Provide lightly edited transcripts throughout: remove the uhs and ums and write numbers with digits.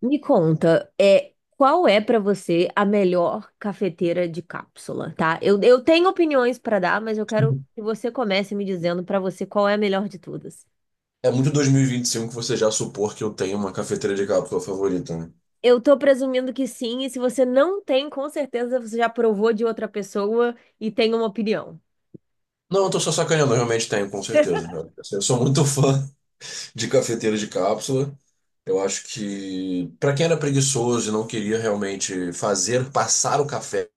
Me conta, qual é pra você a melhor cafeteira de cápsula, tá? Eu tenho opiniões pra dar, mas eu quero que você comece me dizendo pra você qual é a melhor de todas. É muito 2025 que você já supor que eu tenho uma cafeteira de cápsula favorita, né? Eu tô presumindo que sim, e se você não tem, com certeza você já provou de outra pessoa e tem uma opinião. Não, eu tô só sacaneando, eu realmente tenho, com certeza. Eu sou muito fã de cafeteira de cápsula. Eu acho que, pra quem era preguiçoso e não queria realmente fazer, passar o café,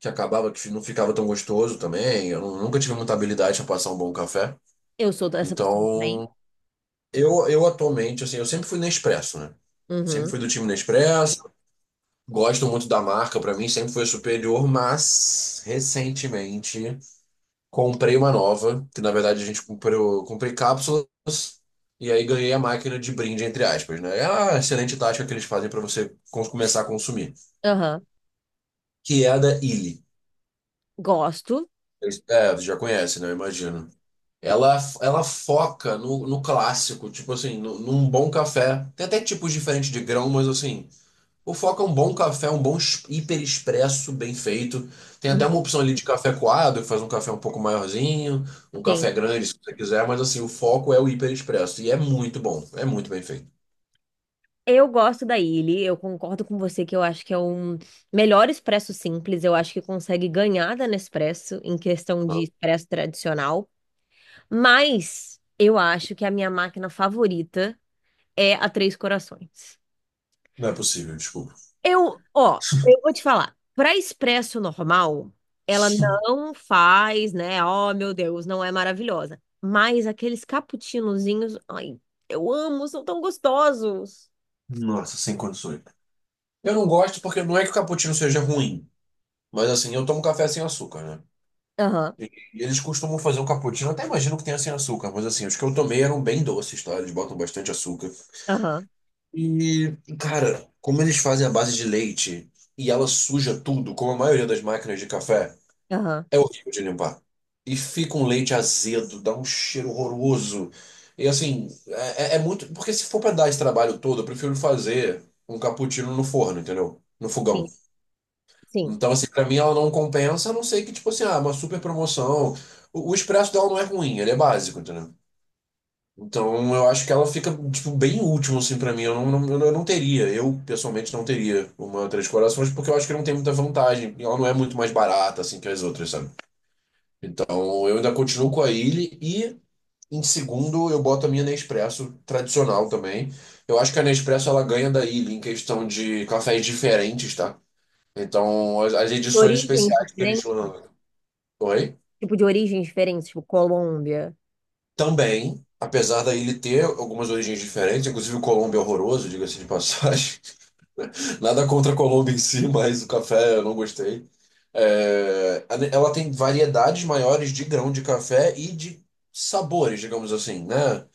que acabava que não ficava tão gostoso também, eu nunca tive muita habilidade a passar um bom café. Eu sou dessa pessoa também. Então, eu atualmente, assim, eu sempre fui Nespresso, né? Sempre Uhum. fui do time Nespresso. Gosto muito da marca, pra mim sempre foi superior, mas recentemente comprei uma nova, que na verdade a gente comprou, comprei cápsulas e aí ganhei a máquina de brinde, entre aspas, né? É uma excelente tática que eles fazem pra você começar a consumir, Aham. que é a da Illy. Gosto. É, você já conhece, né? Eu imagino. Ela foca no clássico, tipo assim, no, num bom café. Tem até tipos diferentes de grão, mas assim, o foco é um bom café, um bom hiper expresso bem feito. Tem até uma Uhum. opção ali de café coado, que faz um café um pouco maiorzinho, um café Sim. grande, se você quiser, mas assim, o foco é o hiper expresso. E é muito bom, é muito bem feito. Eu gosto da Illy, eu concordo com você que eu acho que é um melhor expresso simples, eu acho que consegue ganhar da Nespresso em questão de expresso tradicional, mas eu acho que a minha máquina favorita é a Três Corações. Não é possível, desculpa. Eu, ó, eu vou te falar, para expresso normal, ela não faz, né? Oh, meu Deus, não é maravilhosa, mas aqueles cappuccinozinhos, ai, eu amo, são tão gostosos. Nossa, sem condições. Eu não gosto porque não é que o cappuccino seja ruim, mas assim, eu tomo café sem açúcar, né? Aham, E eles costumam fazer um cappuccino, até imagino que tenha sem açúcar, mas assim, os que eu tomei eram bem doces, tá? Eles botam bastante açúcar. aham, E, cara, como eles fazem a base de leite e ela suja tudo, como a maioria das máquinas de café, aham. é horrível de limpar. E fica um leite azedo, dá um cheiro horroroso. E assim, é muito. Porque se for pra dar esse trabalho todo, eu prefiro fazer um cappuccino no forno, entendeu? No Sim, fogão. sim. Então, assim, pra mim ela não compensa, a não ser que, tipo assim, ah, uma super promoção. O expresso dela não é ruim, ele é básico, entendeu? Então eu acho que ela fica, tipo, bem último, assim, pra mim. Eu não teria, eu pessoalmente não teria uma Três Corações, porque eu acho que não tem muita vantagem. E ela não é muito mais barata, assim, que as outras, sabe? Então eu ainda continuo com a Illy e, em segundo, eu boto a minha Nespresso tradicional também. Eu acho que a Nespresso ela ganha da Illy em questão de cafés diferentes, tá? Então as edições Origens especiais que eles diferentes? lançam. Oi? Tipo, de origens diferentes, tipo Colômbia. Também, apesar da ele ter algumas origens diferentes, inclusive o Colombo é horroroso, diga-se de passagem. Nada contra a Colômbia em si, mas o café eu não gostei. É, ela tem variedades maiores de grão de café e de sabores, digamos assim, né?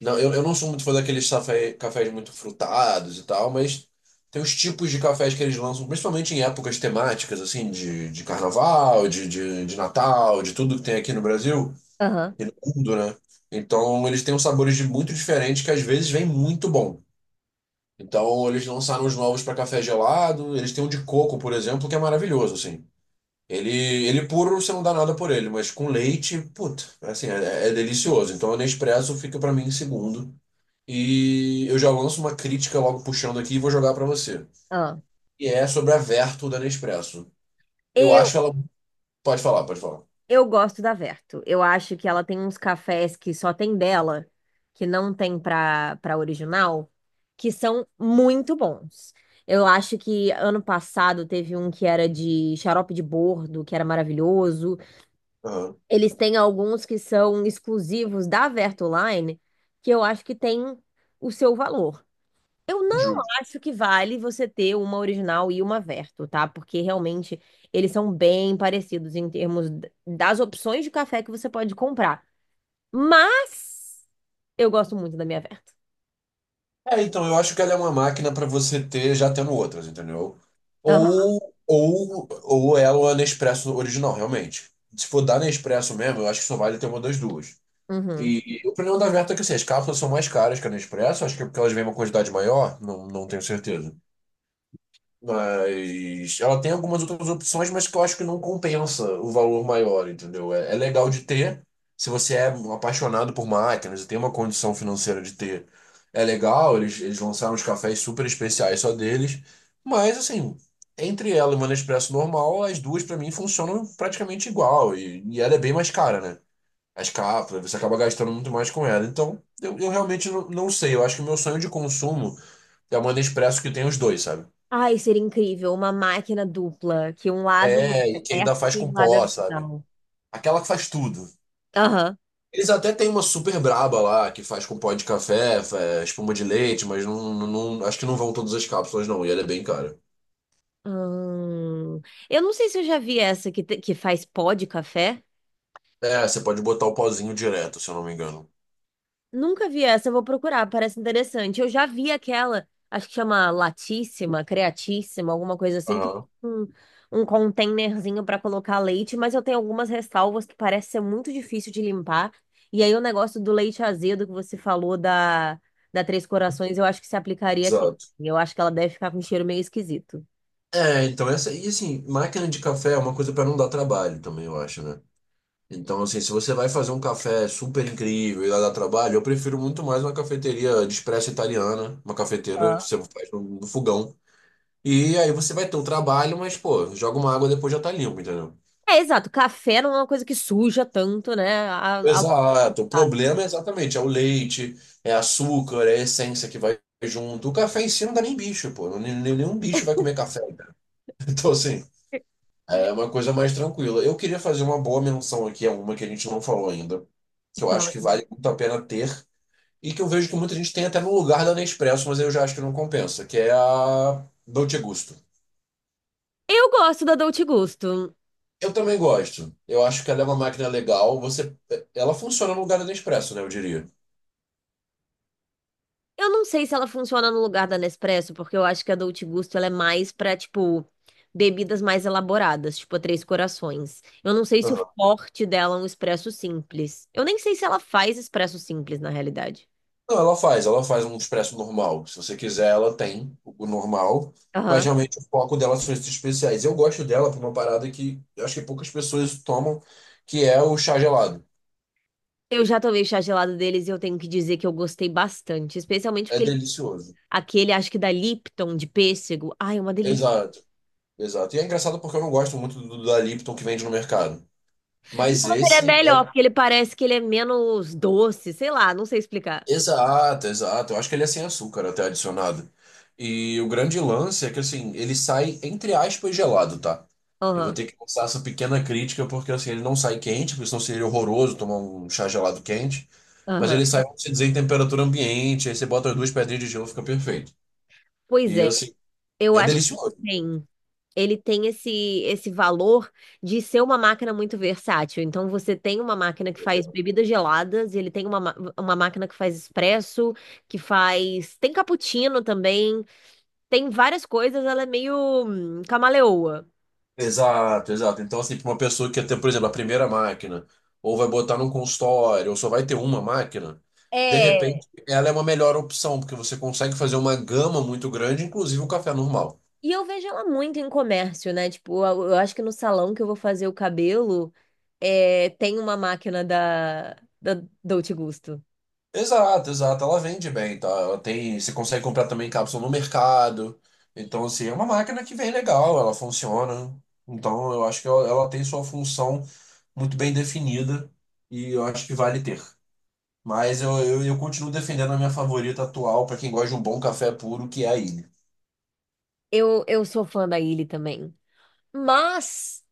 Não, eu não sou muito fã daqueles cafés muito frutados e tal, mas tem os tipos de cafés que eles lançam, principalmente em épocas temáticas, assim, de carnaval, de Natal, de tudo que tem aqui no Brasil Aham, e no mundo, né? Então eles têm uns sabores de muito diferentes que às vezes vem muito bom. Então, eles lançaram os novos para café gelado. Eles têm um de coco, por exemplo, que é maravilhoso, assim. Ele puro, você não dá nada por ele, mas com leite, puta, assim, é delicioso. Então, o Nespresso fica para mim em segundo. E eu já lanço uma crítica logo puxando aqui e vou jogar para você. aham. E é sobre a Vertu da Nespresso. Eu Eu, acho ela. Pode falar, pode falar. eu gosto da Verto. Eu acho que ela tem uns cafés que só tem dela, que não tem pra original, que são muito bons. Eu acho que ano passado teve um que era de xarope de bordo, que era maravilhoso. Aham. Eles têm alguns que são exclusivos da Verto Line, que eu acho que tem o seu valor. Eu não Ju- acho que vale você ter uma original e uma Verto, tá? Porque realmente eles são bem parecidos em termos das opções de café que você pode comprar. Mas eu gosto muito da minha Verto. É, então, eu acho que ela é uma máquina para você ter já tendo outras, entendeu? Aham. Ou, ou ela é a Nespresso original, realmente. Se for da Nespresso mesmo, eu acho que só vale ter uma das duas. Uhum. E o problema da Verta é que assim, as cápsulas são mais caras que a Nespresso, acho que é porque elas vêm uma quantidade maior, não tenho certeza. Mas ela tem algumas outras opções, mas que eu acho que não compensa o valor maior, entendeu? É legal de ter, se você é um apaixonado por máquinas e tem uma condição financeira de ter, é legal, eles lançaram uns cafés super especiais só deles, mas assim, entre ela e uma Nespresso normal, as duas pra mim funcionam praticamente igual, e ela é bem mais cara, né? As cápsulas, você acaba gastando muito mais com ela. Então, eu realmente não sei, eu acho que o meu sonho de consumo é uma Nespresso que tem os dois, sabe? Ai, seria incrível uma máquina dupla, que um lado É, é e que ainda Verto faz e um com lado é pó, sabe? original. Aquela que faz tudo. Aham. Eles até têm uma super braba lá, que faz com pó de café, espuma de leite, mas acho que não vão todas as cápsulas, não. E ela é bem cara. Hum, eu não sei se eu já vi essa que faz pó de café. É, você pode botar o pozinho direto, se eu não me engano. Nunca vi essa, eu vou procurar, parece interessante. Eu já vi aquela, acho que chama latíssima, creatíssima, alguma coisa assim, que Aham, tem um, um containerzinho para colocar leite, mas eu tenho algumas ressalvas que parece ser muito difícil de limpar. E aí o negócio do leite azedo que você falou da Três Corações, eu acho que se aplicaria aqui. exato. Eu acho que ela deve ficar com um cheiro meio esquisito. É, então essa. E assim, máquina de café é uma coisa pra não dar trabalho também, eu acho, né? Então, assim, se você vai fazer um café super incrível e lá dá trabalho, eu prefiro muito mais uma cafeteria de expresso italiana, uma cafeteira que Ah. você faz no fogão. E aí você vai ter um trabalho, mas, pô, joga uma água depois já tá limpo, entendeu? É, exato, café não é uma coisa que suja tanto, né? Exato. O problema é exatamente, é o leite, é açúcar, é essência que vai junto. O café em si não dá nem bicho, pô. Nenhum bicho vai comer café, cara. Então, assim, é uma coisa mais tranquila. Eu queria fazer uma boa menção aqui a uma que a gente não falou ainda, que eu acho Fala. que vale muito a pena ter, e que eu vejo que muita gente tem até no lugar da Nespresso, mas eu já acho que não compensa, que é a Dolce Gusto. Eu gosto da Dolce Gusto. Eu também gosto. Eu acho que ela é uma máquina legal. Ela funciona no lugar do Nespresso, né? Eu diria. Eu não sei se ela funciona no lugar da Nespresso, porque eu acho que a Dolce Gusto ela é mais pra, tipo, bebidas mais elaboradas, tipo a Três Corações. Eu não sei se o Aham. forte dela é um expresso simples. Eu nem sei se ela faz expresso simples, na realidade. Não, ela faz. Ela faz um expresso normal. Se você quiser, ela tem o normal. Mas Aham. realmente o foco dela são esses especiais. Eu gosto dela por uma parada que eu acho que poucas pessoas tomam, que é o chá gelado. Eu já tomei chá gelado deles e eu tenho que dizer que eu gostei bastante, especialmente É porque delicioso. aquele, acho que da Lipton, de pêssego. Ai, é uma delícia. Exato, exato. E é engraçado porque eu não gosto muito do da Lipton que vende no mercado. Não, Mas mas ele é esse melhor, é. porque ele parece que ele é menos doce, sei lá, não sei explicar. Exato, exato. Eu acho que ele é sem açúcar até adicionado. E o grande lance é que assim, ele sai entre aspas gelado, tá? Eu vou Aham, ter que lançar essa pequena crítica porque assim, ele não sai quente, porque senão seria horroroso tomar um chá gelado quente, mas aham. ele sai, vamos dizer, em temperatura ambiente, aí você bota as duas pedrinhas de gelo, fica perfeito. Pois E é, assim, eu é acho que delicioso. tem. Ele tem esse, esse valor de ser uma máquina muito versátil. Então, você tem uma máquina que faz bebidas geladas, ele tem uma máquina que faz expresso, que faz. Tem cappuccino também, tem várias coisas, ela é meio camaleoa. Exato, exato. Então, assim, para uma pessoa que quer ter, por exemplo, a primeira máquina, ou vai botar num consultório, ou só vai ter uma máquina, de É, repente ela é uma melhor opção, porque você consegue fazer uma gama muito grande, inclusive o café normal. e eu vejo ela muito em comércio, né? Tipo, eu acho que no salão que eu vou fazer o cabelo, é, tem uma máquina da Dolce Gusto. Exato, exato. Ela vende bem, tá? Ela tem, você consegue comprar também cápsula no mercado. Então, assim, é uma máquina que vem legal, ela funciona. Então, eu acho que ela tem sua função muito bem definida e eu acho que vale ter. Mas eu continuo defendendo a minha favorita atual para quem gosta de um bom café puro, que é a Ilha. Eu sou fã da Illy também. Mas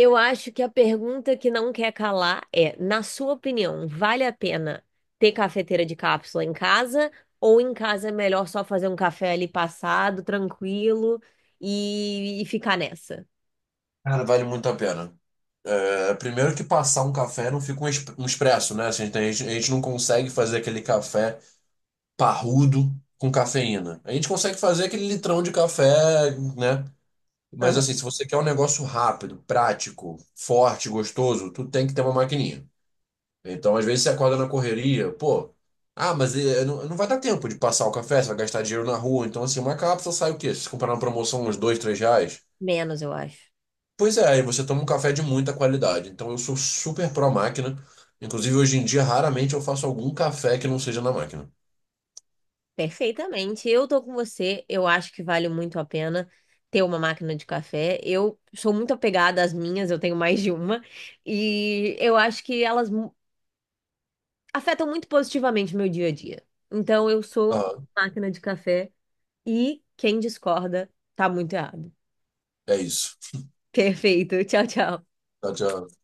eu acho que a pergunta que não quer calar é, na sua opinião, vale a pena ter cafeteira de cápsula em casa ou em casa é melhor só fazer um café ali passado, tranquilo e ficar nessa? Cara, vale muito a pena. É, primeiro que passar um café não fica um expresso, né? Assim, a gente não consegue fazer aquele café parrudo com cafeína. A gente consegue fazer aquele litrão de café, né? Mas assim, Aham. se você quer um negócio rápido, prático, forte, gostoso, tu tem que ter uma maquininha. Então, às vezes, você acorda na correria, pô, ah, mas não vai dar tempo de passar o café, você vai gastar dinheiro na rua. Então, assim, uma cápsula sai o quê? Se você comprar na promoção uns dois, três reais? Menos, eu acho. Pois é, aí você toma um café de muita qualidade. Então, eu sou super pró máquina. Inclusive, hoje em dia, raramente eu faço algum café que não seja na máquina. Perfeitamente. Eu tô com você. Eu acho que vale muito a pena ter uma máquina de café. Eu sou muito apegada às minhas, eu tenho mais de uma. E eu acho que elas afetam muito positivamente o meu dia a dia. Então eu sou Ah, máquina de café e quem discorda tá muito errado. é isso. Perfeito. Tchau, tchau. Tchau, tchau.